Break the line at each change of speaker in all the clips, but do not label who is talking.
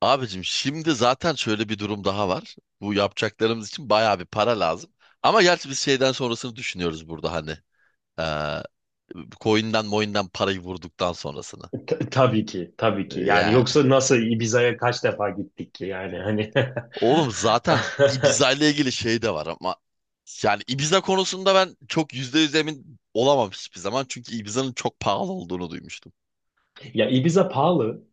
Abicim şimdi zaten şöyle bir durum daha var. Bu yapacaklarımız için bayağı bir para lazım. Ama gerçi biz şeyden sonrasını düşünüyoruz burada hani. Ee, coin'den moin'den parayı vurduktan sonrasını.
Tabii ki, tabii ki. Yani
Yani.
yoksa nasıl Ibiza'ya kaç defa gittik ki yani hani.
Oğlum zaten Ibiza ile ilgili şey de var ama yani Ibiza konusunda ben çok yüzde yüz emin olamam hiçbir zaman. Çünkü Ibiza'nın çok pahalı olduğunu duymuştum.
Ya Ibiza pahalı.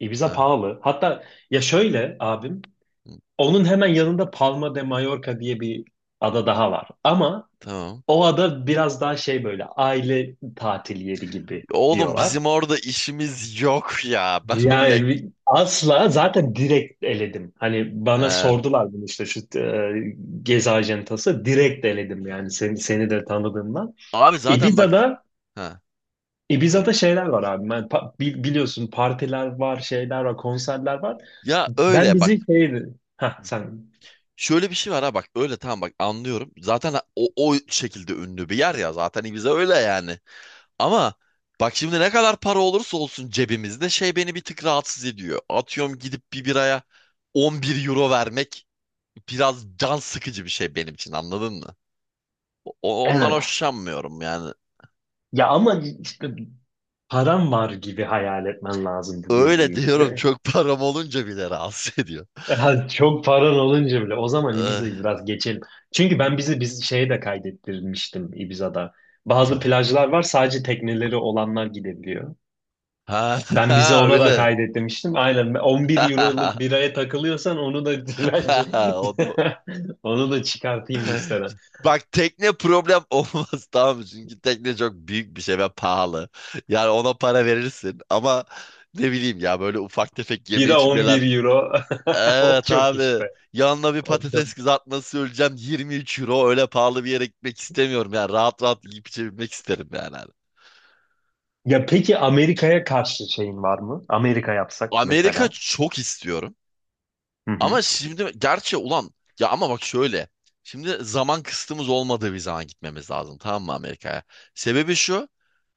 Ibiza
Ha,
pahalı. Hatta ya şöyle abim,
hı,
onun hemen yanında Palma de Mallorca diye bir ada daha var. Ama
tamam.
o ada biraz daha şey böyle aile tatil yeri gibi
Oğlum
diyorlar.
bizim orada işimiz yok ya. Ben oraya...
Yani asla zaten direkt eledim. Hani bana
Ee,
sordular bunu işte şu gezi ajantası direkt eledim yani
hı.
seni de tanıdığımdan.
Abi zaten bak...
Ibiza'da
Ha, söyle.
Ibiza'da şeyler var abi. Ben, biliyorsun partiler var, şeyler var, konserler var.
Ya
Ben
öyle bak.
bizi şeydi. Ha sen.
Şöyle bir şey var ha bak öyle tamam bak anlıyorum. Zaten o şekilde ünlü bir yer ya zaten Ibiza öyle yani. Ama bak şimdi ne kadar para olursa olsun cebimizde şey beni bir tık rahatsız ediyor. Atıyorum gidip bir biraya 11 euro vermek biraz can sıkıcı bir şey benim için anladın mı? Ondan
Evet.
hoşlanmıyorum yani.
Ya ama işte param var gibi hayal etmen lazım bu
Öyle
geziyi.
diyorum çok param olunca bile rahatsız ediyor.
Ha, çok paran olunca bile. O zaman
Eh,
Ibiza'yı biraz geçelim. Çünkü ben bizi biz şeye de kaydettirmiştim Ibiza'da. Bazı
eh.
plajlar var, sadece tekneleri olanlar gidebiliyor.
Ha,
Ben bize
ha
ona da
öyle.
kaydet demiştim. Aynen 11 euroluk biraya takılıyorsan onu da bence
O da.
onu da çıkartayım listeden.
Bak tekne problem olmaz tamam mı? Çünkü tekne çok büyük bir şey ve pahalı. Yani ona para verirsin ama ne bileyim ya böyle ufak tefek yeme
Bira
içmeler.
11 euro. O
Evet
çok
abi
işte.
yanına bir
O çok.
patates kızartması öleceğim 23 euro öyle pahalı bir yere gitmek istemiyorum. Yani rahat rahat yiyip içebilmek isterim yani. Abi.
Ya peki Amerika'ya karşı şeyin var mı? Amerika yapsak
Amerika
mesela.
çok istiyorum
Hı hı.
ama şimdi gerçi ulan ya ama bak şöyle. Şimdi zaman kısıtımız olmadığı bir zaman gitmemiz lazım tamam mı Amerika'ya? Sebebi şu.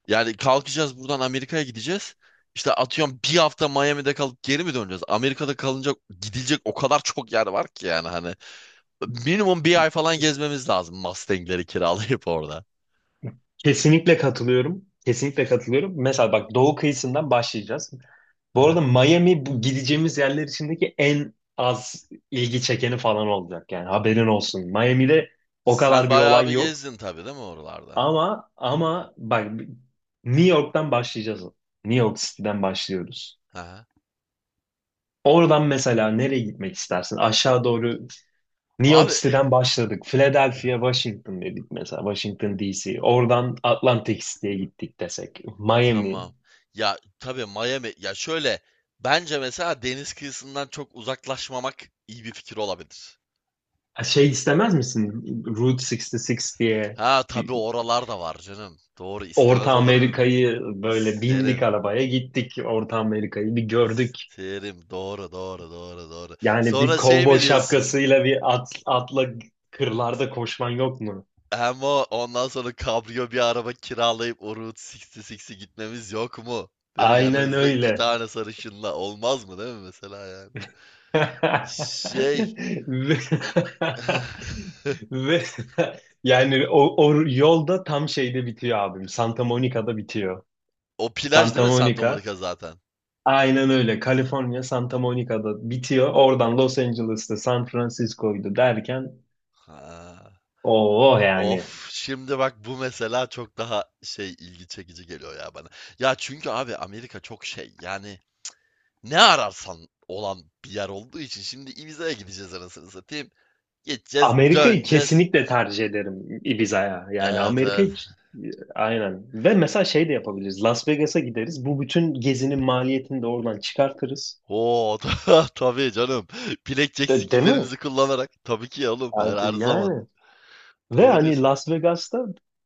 Yani kalkacağız buradan Amerika'ya gideceğiz. İşte atıyorum bir hafta Miami'de kalıp geri mi döneceğiz? Amerika'da kalınacak gidilecek o kadar çok yer var ki yani hani. Minimum bir ay falan gezmemiz lazım Mustang'leri kiralayıp orada.
Kesinlikle katılıyorum. Kesinlikle katılıyorum. Mesela bak, doğu kıyısından başlayacağız.
Hı
Bu
hı.
arada Miami bu gideceğimiz yerler içindeki en az ilgi çekeni falan olacak. Yani haberin olsun. Miami'de o
Sen
kadar bir
bayağı
olay
bir
yok.
gezdin tabii değil mi oralarda?
Ama bak, New York'tan başlayacağız. New York City'den başlıyoruz.
Hı hı.
Oradan mesela nereye gitmek istersin? Aşağı doğru New York
Abi
City'den başladık. Philadelphia, Washington dedik mesela. Washington DC. Oradan Atlantic City'ye gittik desek. Miami.
tamam. Ya tabii Miami ya şöyle bence mesela deniz kıyısından çok uzaklaşmamak iyi bir fikir olabilir.
Şey istemez misin? Route 66 diye
Ha
bir
tabii oralar da var canım. Doğru
Orta
istemez olur muyum?
Amerika'yı böyle bindik
İsterim.
arabaya gittik. Orta Amerika'yı bir gördük.
İsterim. Doğru, doğru, doğru, doğru.
Yani bir
Sonra şey
kovboy
mi diyorsun?
şapkasıyla bir atla kırlarda koşman yok mu?
Hem o ondan sonra kabrio bir araba kiralayıp o Route 66'i gitmemiz yok mu? Değil mi?
Aynen
Yanınızda iki
öyle.
tane sarışınla olmaz mı değil mi mesela yani? Şey.
Ve, ve yani o yolda tam şeyde bitiyor abim. Santa Monica'da bitiyor.
O plaj değil
Santa
mi Santa
Monica,
Monica zaten?
aynen öyle. Kaliforniya Santa Monica'da bitiyor. Oradan Los Angeles'ta San Francisco'ydu derken
Ha.
o yani.
Of şimdi bak bu mesela çok daha şey ilgi çekici geliyor ya bana. Ya çünkü abi Amerika çok şey yani ne ararsan olan bir yer olduğu için şimdi Ibiza'ya gideceğiz anasını satayım. Gideceğiz,
Amerika'yı
döneceğiz.
kesinlikle tercih ederim Ibiza'ya. Yani
Evet evet.
Amerika'yı, aynen. Ve mesela şey de yapabiliriz. Las Vegas'a gideriz. Bu bütün gezinin maliyetini de oradan çıkartırız.
Oo tabii canım. Blackjack
Değil mi?
skill'lerimizi kullanarak. Tabii ki ya oğlum her
Yani yani.
zaman.
Ve
Doğru
hani
diyorsun.
Las Vegas'ta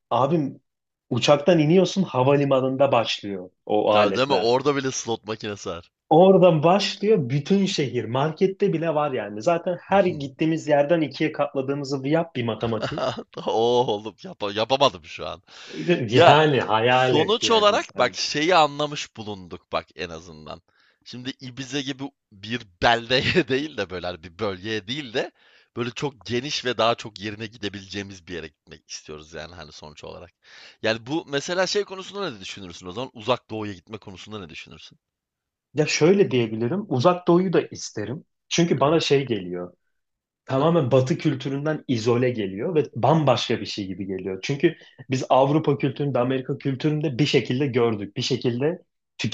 abim, uçaktan iniyorsun, havalimanında başlıyor o
Tabii değil mi?
aletler.
Orada bile slot makinesi var.
Oradan başlıyor bütün şehir. Markette bile var yani. Zaten her gittiğimiz yerden ikiye katladığımızı yap bir matematiği.
Oo oğlum yapamadım şu an. Ya,
Yani hayal et
sonuç
yani.
olarak bak şeyi anlamış bulunduk bak en azından. Şimdi Ibiza gibi bir beldeye değil de böyle hani bir bölgeye değil de böyle çok geniş ve daha çok yerine gidebileceğimiz bir yere gitmek istiyoruz yani hani sonuç olarak. Yani bu mesela şey konusunda ne düşünürsün o zaman? Uzak Doğu'ya gitme konusunda ne düşünürsün?
Ya şöyle diyebilirim, Uzak Doğu'yu da isterim. Çünkü bana şey geliyor,
Ha,
tamamen Batı kültüründen izole geliyor ve bambaşka bir şey gibi geliyor. Çünkü biz Avrupa kültüründe, Amerika kültüründe bir şekilde gördük, bir şekilde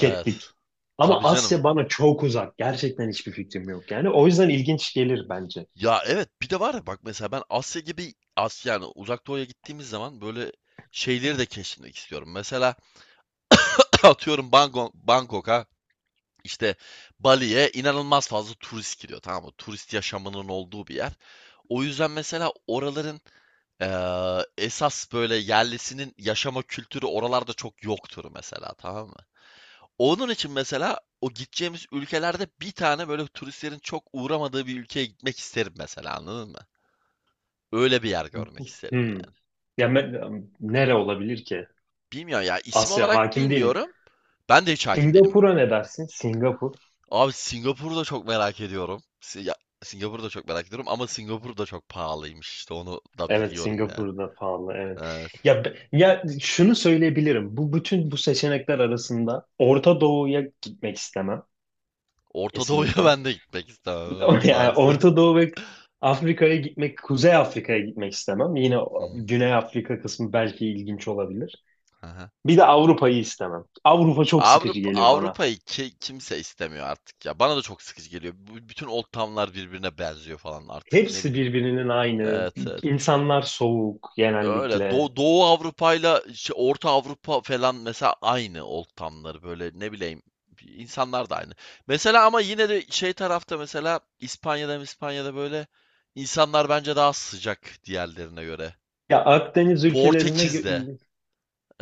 evet.
Ama
Tabii canım.
Asya bana çok uzak, gerçekten hiçbir fikrim yok. Yani o yüzden ilginç gelir bence.
Ya evet bir de var ya bak mesela ben Asya gibi Asya yani Uzak Doğu'ya gittiğimiz zaman böyle şeyleri de keşfetmek istiyorum. Mesela atıyorum Bangkok, Bangkok'a işte Bali'ye inanılmaz fazla turist gidiyor tamam mı? Turist yaşamının olduğu bir yer. O yüzden mesela oraların esas böyle yerlisinin yaşama kültürü oralarda çok yoktur mesela tamam mı? Onun için mesela o gideceğimiz ülkelerde bir tane böyle turistlerin çok uğramadığı bir ülkeye gitmek isterim mesela anladın mı? Öyle bir yer görmek isterim
Hmm.
yani.
Ya nere olabilir ki?
Bilmiyorum ya isim
Asya
olarak
hakim değilim.
bilmiyorum. Ben de hiç hakim değilim.
Singapur'a ne dersin? Singapur.
Abi Singapur'u da çok merak ediyorum. Ya, Singapur'u da çok merak ediyorum ama Singapur da çok pahalıymış işte onu da
Evet,
biliyorum ya.
Singapur'da pahalı, evet.
Evet.
Ya şunu söyleyebilirim. Bu bütün bu seçenekler arasında Orta Doğu'ya gitmek istemem
Orta Doğu'ya
kesinlikle.
ben de gitmek istemem evet
Yani
maalesef.
Orta Doğu ve Afrika'ya gitmek, Kuzey Afrika'ya gitmek istemem. Yine
Hı, hı,
Güney Afrika kısmı belki ilginç olabilir.
aha.
Bir de Avrupa'yı istemem. Avrupa çok sıkıcı
Avrupa
geliyor bana.
Avrupa'yı kimse istemiyor artık ya. Bana da çok sıkıcı geliyor. Bütün old town'lar birbirine benziyor falan artık ne
Hepsi
bileyim.
birbirinin aynı.
Evet, evet.
İnsanlar soğuk
Öyle
genellikle.
Doğu, Doğu Avrupa'yla işte Orta Avrupa falan mesela aynı ortamları böyle ne bileyim insanlar da aynı. Mesela ama yine de şey tarafta mesela İspanya'da İspanya'da böyle insanlar bence daha sıcak diğerlerine göre.
Ya Akdeniz ülkelerine
Portekiz'de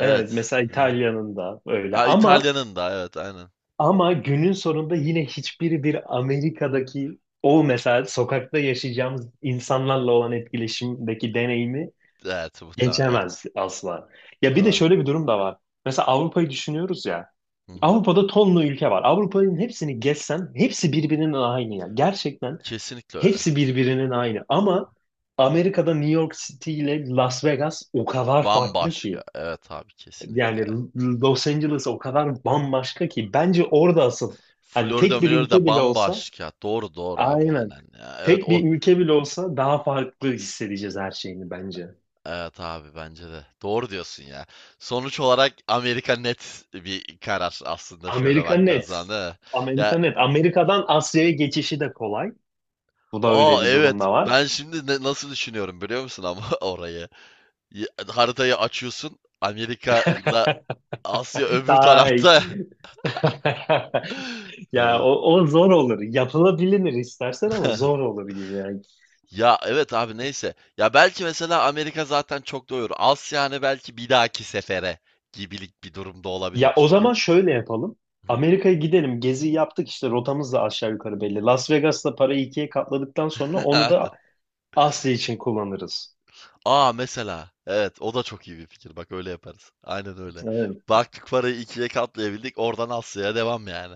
evet, mesela
Hı.
İtalya'nın da öyle,
Ha,
ama
İtalya'nın da evet aynen.
Ama günün sonunda yine hiçbiri bir Amerika'daki o mesela sokakta yaşayacağımız insanlarla olan etkileşimdeki deneyimi
Evet muhtemelen
geçemez asla. Ya bir de
doğru.
şöyle bir durum da var. Mesela Avrupa'yı düşünüyoruz ya.
Hı hı.
Avrupa'da tonlu ülke var. Avrupa'nın hepsini gezsen hepsi birbirinin aynı ya. Gerçekten
Kesinlikle öyle.
hepsi birbirinin aynı. Ama Amerika'da New York City ile Las Vegas o kadar farklı ki.
Bambaşka. Evet abi kesinlikle.
Yani Los Angeles o kadar bambaşka ki, bence orada asıl hani
Florida
tek bir
Milorida
ülke bile olsa,
bambaşka. Doğru doğru abi
aynen,
aynen ya. Evet
tek bir
o.
ülke bile olsa daha farklı hissedeceğiz her şeyini bence.
Evet abi bence de. Doğru diyorsun ya. Sonuç olarak Amerika net bir karar aslında şöyle
Amerika
baktığın
net.
zaman değil mi? Ya
Amerika net. Amerika'dan Asya'ya geçişi de kolay. Bu da
aa
öyle bir
evet
durumda var.
ben şimdi nasıl düşünüyorum biliyor musun ama orayı. Ya- Haritayı açıyorsun Amerika ile Asya öbür
Tay.
tarafta.
Ya
Ee,
o zor olur. Yapılabilir istersen ama zor olur gibi yani.
ya evet abi neyse. Ya belki mesela Amerika zaten çok doyurur. Asya hani belki bir dahaki sefere gibilik bir durumda olabilir.
Ya o
Çünkü
zaman şöyle yapalım.
hı.
Amerika'ya gidelim. Gezi yaptık, işte rotamız da aşağı yukarı belli. Las Vegas'ta parayı ikiye katladıktan sonra onu da Asya için kullanırız.
Aa mesela. Evet o da çok iyi bir fikir. Bak öyle yaparız. Aynen öyle.
Evet.
Baktık parayı ikiye katlayabildik. Oradan Asya'ya devam yani.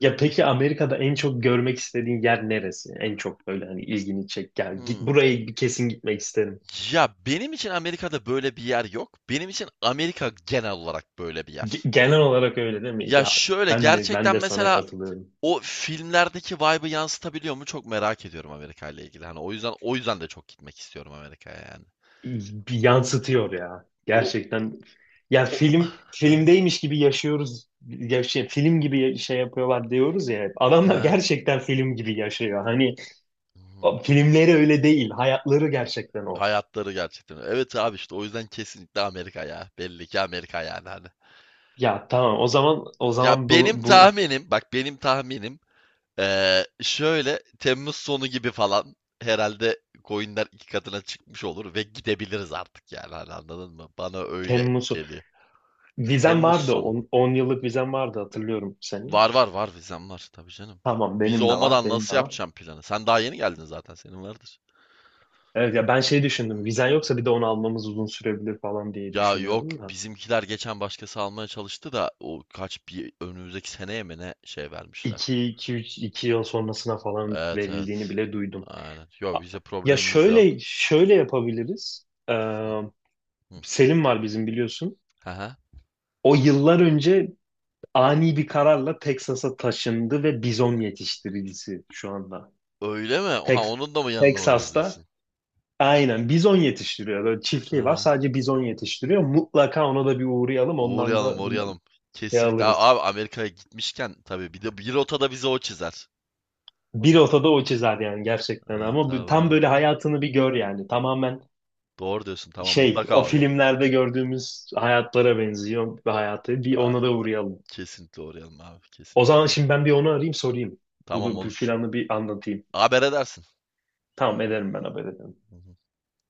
Ya peki
İşi...
Amerika'da en çok görmek istediğin yer neresi? En çok böyle hani ilgini çek. Yani git
Hmm.
buraya bir, kesin gitmek isterim.
Ya benim için Amerika'da böyle bir yer yok. Benim için Amerika genel olarak böyle bir
Ge-
yer.
genel olarak öyle değil mi?
Ya
Ya
şöyle
ben de ben
gerçekten
de sana
mesela
katılıyorum.
o filmlerdeki vibe'ı yansıtabiliyor mu çok merak ediyorum Amerika ile ilgili. Hani o yüzden de çok gitmek istiyorum Amerika'ya yani.
Bir yansıtıyor ya.
O
Gerçekten ya
o
film
ha
filmdeymiş gibi yaşıyoruz. Yaşay, film gibi şey yapıyorlar diyoruz ya. Hep. Adamlar
ha.
gerçekten film gibi yaşıyor. Hani
Hmm.
o filmleri öyle değil. Hayatları gerçekten o.
Hayatları gerçekten. Evet abi işte o yüzden kesinlikle Amerika ya. Belli ki Amerika yani hani.
Ya tamam, o zaman o
Ya
zaman
benim
bu
tahminim bak benim tahminim şöyle Temmuz sonu gibi falan herhalde coinler iki katına çıkmış olur ve gidebiliriz artık yani hani anladın mı? Bana öyle
Temmuz'u
geliyor.
vizem
Temmuz
vardı.
sonu.
10 yıllık vizem vardı, hatırlıyorum senin.
Var var var vizem var tabii canım.
Tamam,
Vize
benim de var.
olmadan
Benim de
nasıl
var.
yapacağım planı? Sen daha yeni geldin zaten senin vardır.
Evet ya, ben şey düşündüm. Vizen yoksa bir de onu almamız uzun sürebilir falan diye
Ya yok
düşünüyordum da.
bizimkiler geçen başkası almaya çalıştı da o kaç bir önümüzdeki seneye mi ne şey vermişler.
2 2 3 2 yıl sonrasına falan
Evet
verildiğini
evet.
bile duydum.
Aynen.
A-
Yok bize
Ya
problemimiz de yok.
şöyle yapabiliriz.
Hı, hı.
Selim var bizim, biliyorsun.
Aha.
O yıllar önce ani bir kararla Texas'a taşındı ve bizon yetiştiricisi şu anda.
Öyle mi? Oha
Tex
onun da mı yanına uğrarız
Texas'ta
diyorsun?
aynen bizon yetiştiriyor. Böyle çiftliği var,
Ha.
sadece bizon yetiştiriyor. Mutlaka ona da bir uğrayalım. Ondan da
Uğrayalım
bir
uğrayalım.
şey
Kesinlikle.
alırız.
Abi Amerika'ya gitmişken tabii bir de bir rotada bize o çizer.
Bir otada o çizer yani gerçekten,
Ha,
ama
tamam
tam
aynen.
böyle hayatını bir gör yani. Tamamen
Doğru diyorsun tamam
şey, o
mutlaka uğrayalım.
filmlerde gördüğümüz hayatlara benziyor bir hayatı. Bir
Ya,
ona da uğrayalım.
kesinlikle uğrayalım abi
O
kesinlikle
zaman
uğrayalım.
şimdi ben bir onu arayayım, sorayım.
Tamam
Bunu bir,
olur.
planı bir anlatayım.
Haber edersin.
Tamam ederim, ben haber ederim.